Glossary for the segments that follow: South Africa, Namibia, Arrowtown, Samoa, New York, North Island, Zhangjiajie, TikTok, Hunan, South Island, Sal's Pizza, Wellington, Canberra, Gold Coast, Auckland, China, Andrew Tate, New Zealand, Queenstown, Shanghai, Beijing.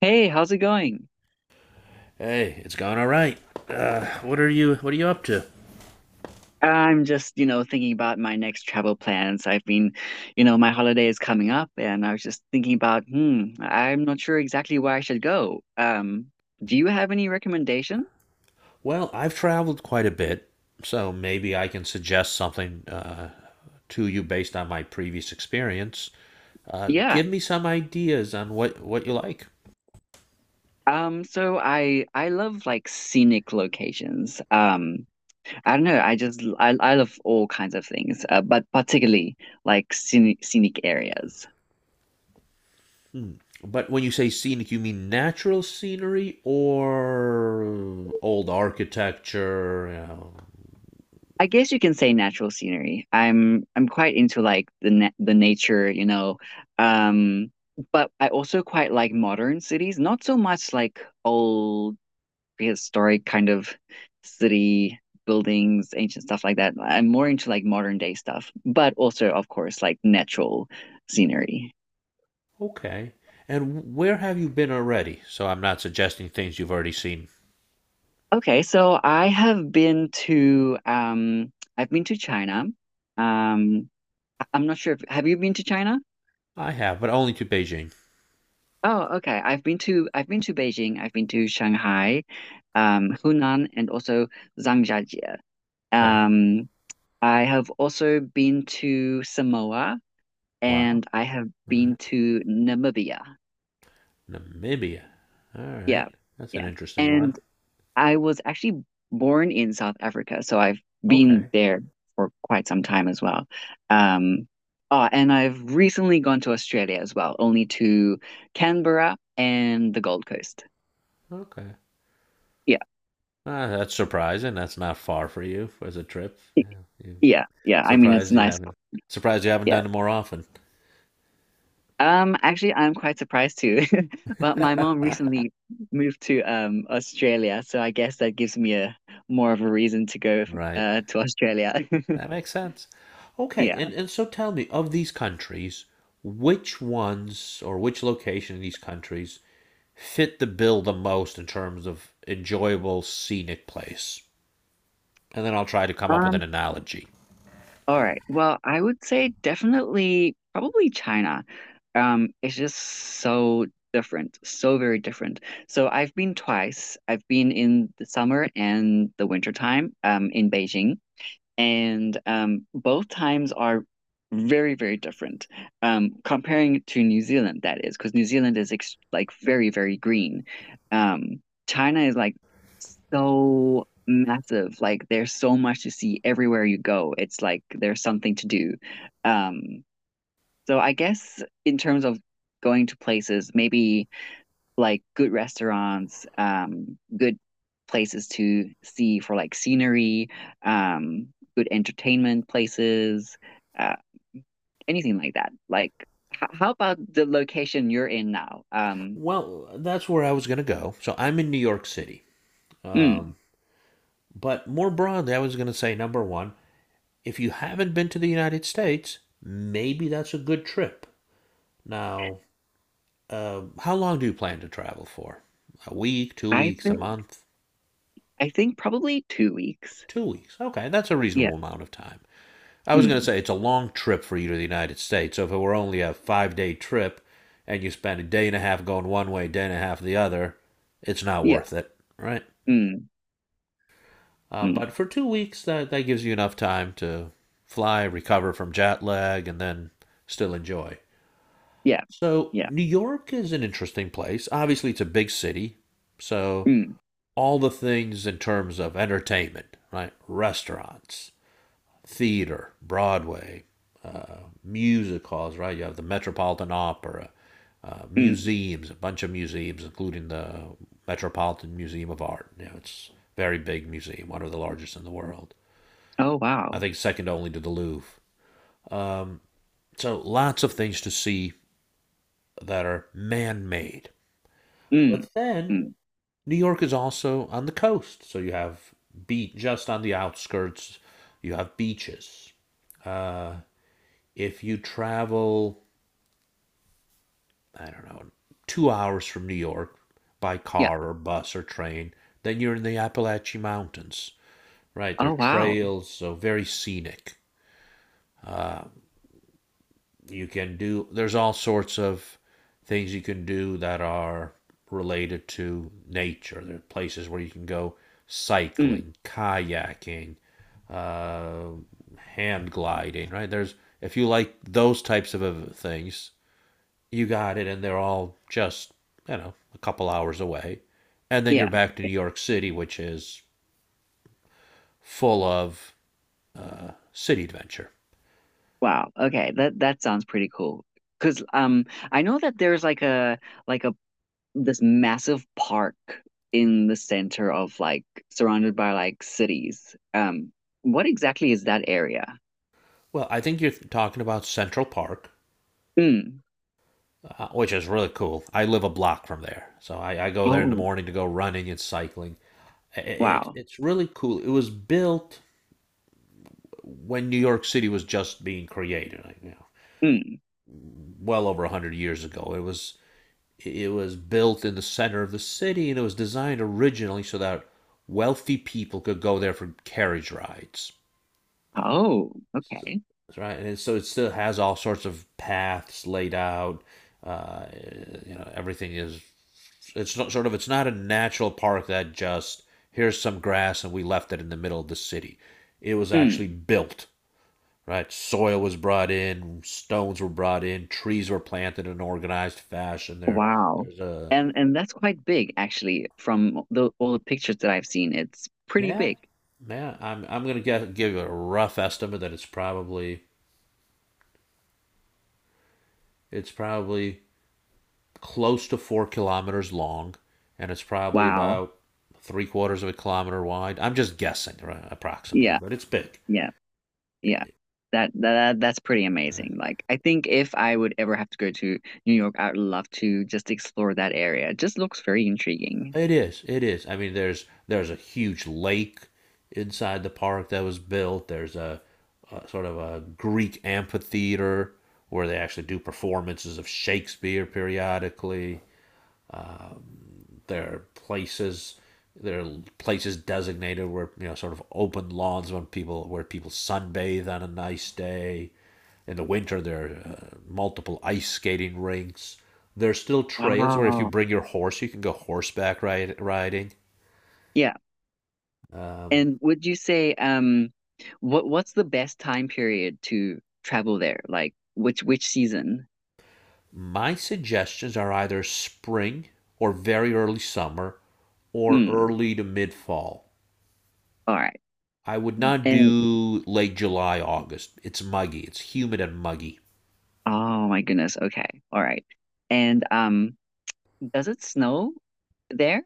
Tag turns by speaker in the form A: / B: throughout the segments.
A: Hey, how's it going?
B: Hey, it's going all right. What are you up to?
A: I'm just, you know, thinking about my next travel plans. I've been, you know, my holiday is coming up and I was just thinking about, I'm not sure exactly where I should go. Do you have any recommendation?
B: Well, I've traveled quite a bit, so maybe I can suggest something to you based on my previous experience.
A: Yeah.
B: Give me some ideas on what you like.
A: So I love like scenic locations. I don't know, I just I love all kinds of things, but particularly like scenic areas.
B: Hmm. But when you say scenic, you mean natural scenery or old architecture? You know?
A: I guess you can say natural scenery. I'm quite into like the nature, you know. Um, but I also quite like modern cities, not so much like old prehistoric kind of city buildings, ancient stuff like that. I'm more into like modern day stuff, but also of course like natural scenery.
B: Okay. And where have you been already? So I'm not suggesting things you've already seen.
A: Okay, so I have been to China. Um I'm not sure if have you been to China?
B: I have, but only to Beijing.
A: Oh, okay. I've been to Beijing. I've been to Shanghai, Hunan, and also Zhangjiajie.
B: Okay.
A: Um, I have also been to Samoa,
B: Wow.
A: and I have
B: All right.
A: been to Namibia.
B: Namibia. All right.
A: Yeah,
B: That's an
A: yeah.
B: interesting one.
A: And I was actually born in South Africa, so I've been
B: Okay.
A: there for quite some time as well. Um, and I've recently gone to Australia as well, only to Canberra and the Gold Coast.
B: Okay.
A: Yeah.
B: Ah, that's surprising. That's not far for you as a trip. Yeah, you
A: Yeah, yeah. I mean, it's
B: surprised you
A: nice.
B: haven't surprised you haven't
A: Yeah.
B: done it more often.
A: Actually, I'm quite surprised too. But my mom recently moved to Australia, so I guess that gives me a more of a reason to go
B: Right.
A: to Australia.
B: That makes sense. Okay, and,
A: Yeah.
B: and so tell me, of these countries, which ones or which location in these countries fit the bill the most in terms of enjoyable scenic place? And then I'll try to come up with an
A: Um,
B: analogy.
A: all right. Well, I would say definitely probably China. It's just so different, so very different. So I've been twice. I've been in the summer and the winter time, in Beijing. And both times are very, very different. Comparing to New Zealand, that is, because New Zealand is ex like very, very green. Um, China is like so massive. Like there's so much to see everywhere you go. It's like there's something to do. Um, so I guess in terms of going to places, maybe like good restaurants, good places to see for like scenery, um, good entertainment places, uh, anything like that. How about the location you're in now?
B: Well, that's where I was going to go. So I'm in New York City.
A: Mm,
B: Um, but more broadly, I was going to say number one, if you haven't been to the United States, maybe that's a good trip. Now, how long do you plan to travel for? A week, two
A: I
B: weeks, a
A: think
B: month?
A: I think probably 2 weeks.
B: 2 weeks. Okay, that's a
A: Yeah.
B: reasonable amount of time. I was going to
A: Mm,
B: say it's a long trip for you to the United States. So if it were only a 5 day trip and you spend a day and a half going one way, day and a half the other, it's not
A: yeah.
B: worth it, right?
A: Mm,
B: But
A: mm,
B: for 2 weeks, that gives you enough time to fly, recover from jet lag, and then still enjoy.
A: yeah.
B: So,
A: Yeah.
B: New York is an interesting place. Obviously, it's a big city. So,
A: Mm,
B: all the things in terms of entertainment, right? Restaurants, theater, Broadway, uh, music halls, right? You have the Metropolitan Opera,
A: mm.
B: museums, a bunch of museums, including the Metropolitan Museum of Art. You know, it's a very big museum, one of the largest in the world.
A: Oh
B: I
A: wow.
B: think second only to the Louvre. Um, so lots of things to see that are man made.
A: Mm,
B: But then
A: mm.
B: New York is also on the coast. So you have beach just on the outskirts, you have beaches. Uh, if you travel, I don't know, 2 hours from New York by
A: Yeah.
B: car or bus or train, then you're in the Appalachian Mountains. Right, there are
A: Oh wow.
B: trails, so very scenic. You can do There's all sorts of things you can do that are related to nature. There are places where you can go
A: Mm,
B: cycling, kayaking, uh, hand gliding, right? there's If you like those types of things, you got it, and they're all just a couple hours away, and then you're
A: yeah.
B: back to New
A: Yeah.
B: York City, which is full of city adventure.
A: Wow. Okay. That sounds pretty cool. 'Cause I know that there's like a this massive park in the center of like surrounded by like cities. What exactly is that area?
B: Well, I think you're talking about Central Park,
A: Mm.
B: which is really cool. I live a block from there, so I go there in the
A: Oh,
B: morning to go running and cycling. I- It,
A: wow.
B: it's really cool. It was built when New York City was just being created, like,
A: Mm.
B: well over 100 years ago. It was built in the center of the city, and it was designed originally so that wealthy people could go there for carriage rides.
A: Oh,
B: So,
A: okay.
B: right, and so it still has all sorts of paths laid out. Uh, you know, everything is it's not a natural park that just here's some grass and we left it in the middle of the city. It was actually
A: Mm.
B: built, right? Soil was brought in, stones were brought in, trees were planted in an organized fashion there.
A: Wow.
B: There's a
A: And that's quite big actually from the all the pictures that I've seen. It's pretty
B: Yeah,
A: big.
B: man, I'm going to get give you a rough estimate that it's probably close to 4 kilometers long and it's probably
A: Wow.
B: about three-quarters of a kilometer wide. I'm just guessing, right, approximately,
A: Yeah.
B: but it's big.
A: Yeah. Yeah.
B: It-
A: That's pretty
B: right?
A: amazing. Like I think if I would ever have to go to New York, I would love to just explore that area. It just looks very intriguing.
B: It is. It is. I mean, there's a huge lake inside the park that was built. There's a sort of a Greek amphitheater where they actually do performances of Shakespeare periodically. There are places there are places designated where sort of open lawns when people where people sunbathe on a nice day. In the winter, there are multiple ice skating rinks. There's still trails where if you
A: Wow.
B: bring your horse, you can go riding.
A: Yeah.
B: Um,
A: And would you say what what's the best time period to travel there? Like which season?
B: My suggestions are either spring or very early summer or
A: Mm.
B: early to mid fall.
A: All right.
B: I would not
A: And
B: do late July, August. It's muggy, it's humid and muggy.
A: oh my goodness. Okay. All right. And does it snow there?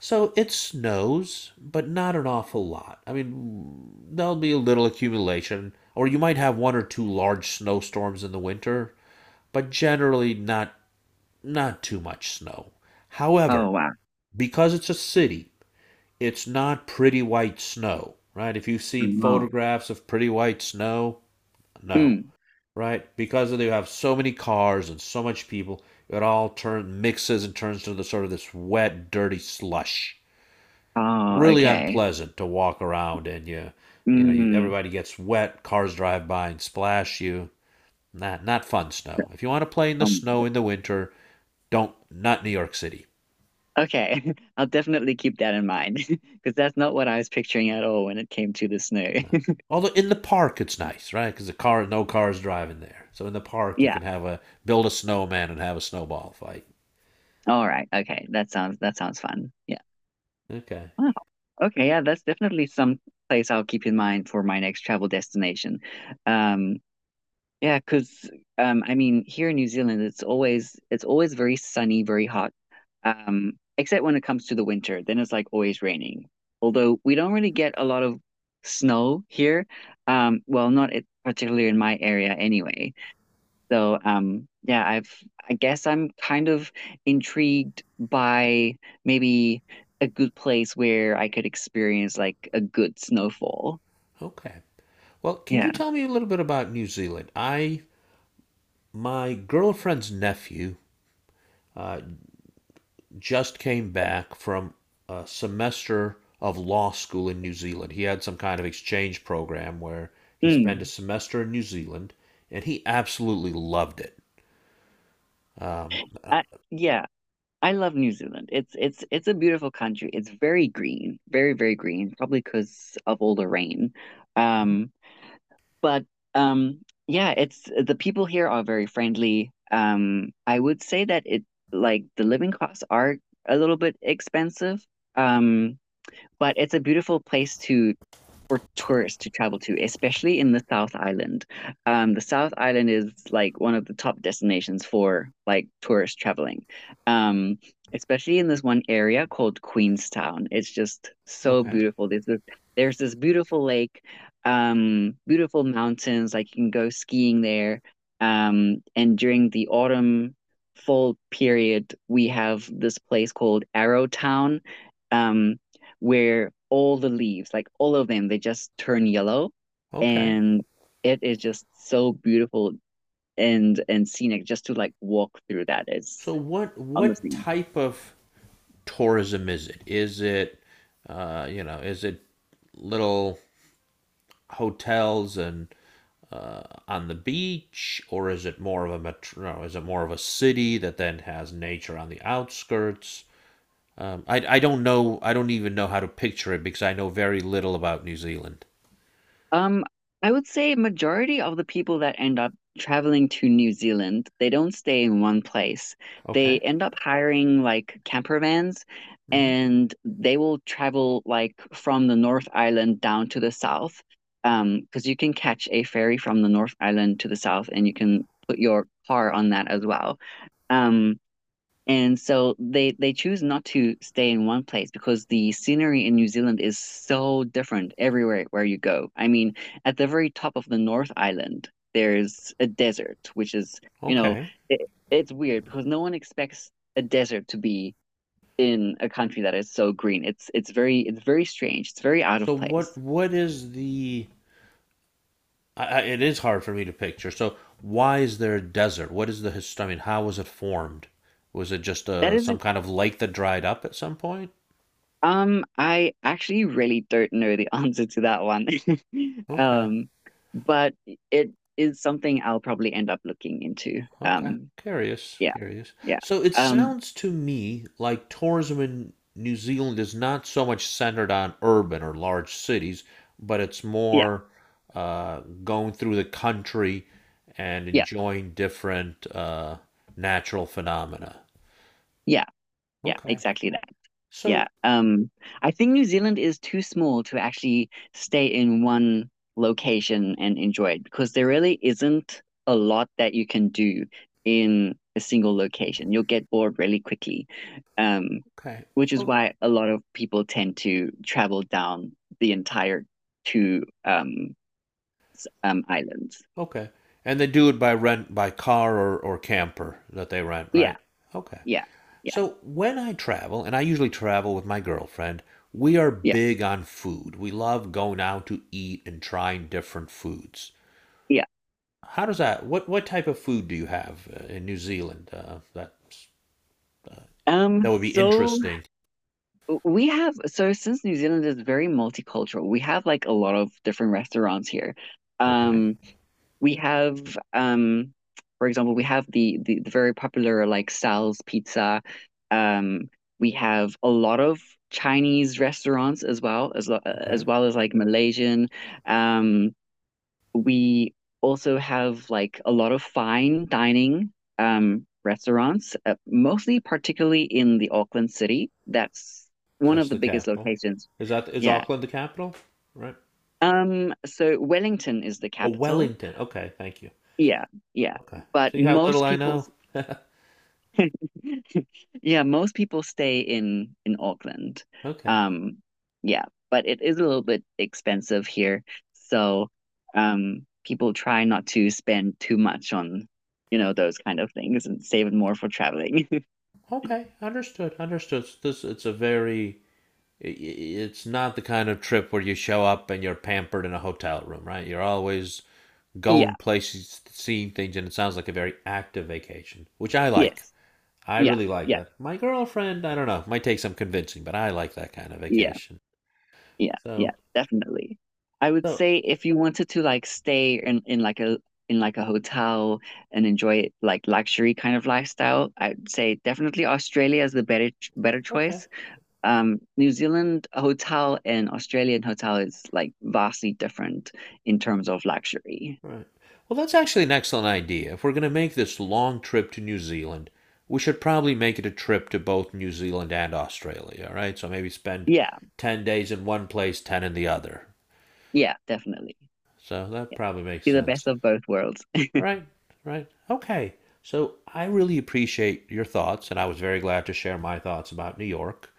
B: So it snows, but not an awful lot. I mean, there'll be a little accumulation, or you might have one or two large snowstorms in the winter, but generally not too much snow.
A: Oh
B: However,
A: wow.
B: because it's a city, it's not pretty white snow, right? If you've seen
A: No.
B: photographs of pretty white snow, no,
A: Mm.
B: right? Because they have so many cars and so much people, it all turn mixes and turns to the sort of this wet, dirty slush.
A: Oh,
B: Really
A: okay.
B: unpleasant to walk around, and
A: Mm.
B: everybody gets wet. Cars drive by and splash you. Not fun snow. If you want to play in the
A: Um
B: snow in the winter, don't not New York City.
A: Okay, I'll definitely keep that in mind because that's not what I was picturing at all when it came to the snow.
B: No. Although in the park it's nice, right? Because no cars driving there. So in the park you
A: Yeah.
B: can have a build a snowman and have a snowball fight.
A: All right. Okay. That sounds fun. Yeah.
B: Okay,
A: Wow. Okay. Yeah, that's definitely some place I'll keep in mind for my next travel destination. Um, Yeah, because I mean, here in New Zealand, it's always very sunny, very hot. Except when it comes to the winter, then it's like always raining. Although we don't really get a lot of snow here. Well, not it, particularly in my area anyway. So yeah, I guess I'm kind of intrigued by maybe a good place where I could experience like a good snowfall.
B: okay. Well, can
A: Yeah.
B: you tell me a little bit about New Zealand? I My girlfriend's nephew uh, just came back from a semester of law school in New Zealand. He had some kind of exchange program where he spent a
A: Mm.
B: semester in New Zealand, and he absolutely loved it. Um,
A: I, yeah. I love New Zealand. It's a beautiful country. It's very green, very green, probably because of all the rain.
B: Mhm.
A: Um, but um, yeah, it's the people here are very friendly. I would say that it like the living costs are a little bit expensive. Um, but it's a beautiful place to for tourists to travel to, especially in the South Island. The South Island is like one of the top destinations for like tourist traveling. Um, Especially in this one area called Queenstown. It's just so
B: Okay,
A: beautiful. There's this beautiful lake, beautiful mountains, like you can go skiing there. And during the autumn fall period, we have this place called Arrowtown. Um, where all the leaves, like all of them, they just turn yellow,
B: okay.
A: and it is just so beautiful and scenic just to like walk through that is
B: So what
A: honestly.
B: type of tourism is it? Is it uh, you know is it little hotels and on the beach, or is it more of a metro? No, is it more of a city that then has nature on the outskirts? I don't know. I don't even know how to picture it because I know very little about New Zealand.
A: Um, I would say majority of the people that end up traveling to New Zealand, they don't stay in one place. They
B: Okay.
A: end up hiring like camper vans
B: Hmm.
A: and they will travel like from the North Island down to the south. Because you can catch a ferry from the North Island to the south and you can put your car on that as well. Um, and so they choose not to stay in one place because the scenery in New Zealand is so different everywhere where you go. I mean, at the very top of the North Island, there's a desert, which is, you know,
B: Okay.
A: it, it's weird because no one expects a desert to be in a country that is so green. It's very strange. It's very out
B: So
A: of place.
B: what is the I, it is hard for me to picture. So why is there a desert? What is the history? I mean, how was it formed? Was it just
A: That
B: a
A: is.
B: some kind of lake that dried up at some point?
A: I actually really don't know the answer to that one.
B: Okay,
A: Um, but it is something I'll probably end up looking into.
B: okay. Curious,
A: Yeah,
B: curious.
A: yeah.
B: So it
A: Um,
B: sounds to me like tourism in New Zealand is not so much centered on urban or large cities, but it's
A: yeah,
B: more going through the country and
A: yeah,
B: enjoying different natural phenomena.
A: yeah, yeah,
B: Okay.
A: exactly.
B: So,
A: Yeah. I think New Zealand is too small to actually stay in one location and enjoy it because there really isn't a lot that you can do in a single location. You'll get bored really quickly. Um,
B: okay.
A: which is
B: Well,
A: why a lot of people tend to travel down the entire two um islands.
B: okay. And they do it by by car or camper that they rent,
A: Yeah,
B: right? Okay.
A: yeah, yeah,
B: So when I travel, and I usually travel with my girlfriend, we are
A: yeah,
B: big on food. We love going out to eat and trying different foods.
A: yeah.
B: What type of food do you have in New Zealand that's, uh,
A: Um,
B: that would be
A: so
B: interesting?
A: We have so since New Zealand is very multicultural, we have like a lot of different restaurants here.
B: Okay.
A: Um, we have For example, we have the very popular like Sal's Pizza. Um, we have a lot of Chinese restaurants as well as lo-
B: Okay.
A: as well as like Malaysian. Um, we also have like a lot of fine dining restaurants, mostly particularly in the Auckland city. That's one
B: That's
A: of the
B: the
A: biggest
B: capital.
A: locations.
B: Is
A: Yeah.
B: Auckland the capital? Right.
A: Wellington is the
B: Oh,
A: capital.
B: Wellington. Okay. Thank you.
A: Yeah, yeah.
B: Okay.
A: But
B: See how little
A: most
B: I
A: people.
B: know?
A: Yeah, most people stay in Auckland.
B: Okay.
A: Um, yeah, but it is a little bit expensive here. So, people try not to spend too much on, you know, those kind of things and save it more for traveling.
B: Okay, understood, understood. So this it's a very I- it's not the kind of trip where you show up and you're pampered in a hotel room, right? You're always going
A: Yeah,
B: places, seeing things, and it sounds like a very active vacation, which I like.
A: yes.
B: I
A: Yeah,
B: really like
A: yeah,
B: that. My girlfriend, I don't know, might take some convincing, but I like that kind of
A: yeah,
B: vacation.
A: yeah,
B: So,
A: yeah, definitely. I would
B: so,
A: say if you wanted to like stay in in like a hotel and enjoy like luxury kind of lifestyle, I'd say definitely Australia is the better
B: okay.
A: choice. New Zealand hotel and Australian hotel is like vastly different in terms of luxury.
B: Right. Well, that's actually an excellent idea. If we're going to make this long trip to New Zealand, we should probably make it a trip to both New Zealand and Australia. All right. So maybe spend
A: Yeah,
B: 10 days in one place, 10 in the other.
A: yeah, definitely.
B: So that
A: Yeah.
B: probably makes
A: See the
B: sense.
A: best of both worlds.
B: Right, right. Okay. So I really appreciate your thoughts, and I was very glad to share my thoughts about New York.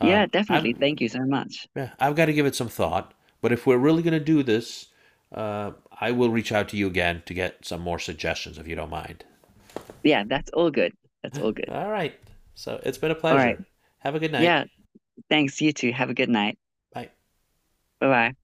A: Yeah,
B: I've
A: definitely. Thank you so much.
B: Yeah, I've got to give it some thought, but if we're really going to do this, uh, I will reach out to you again to get some more suggestions if you don't mind.
A: Yeah, that's all good. That's all good.
B: All right. So it's been a
A: All right.
B: pleasure. Have a good night.
A: Yeah, thanks. You too. Have a good night.
B: Bye.
A: Bye bye.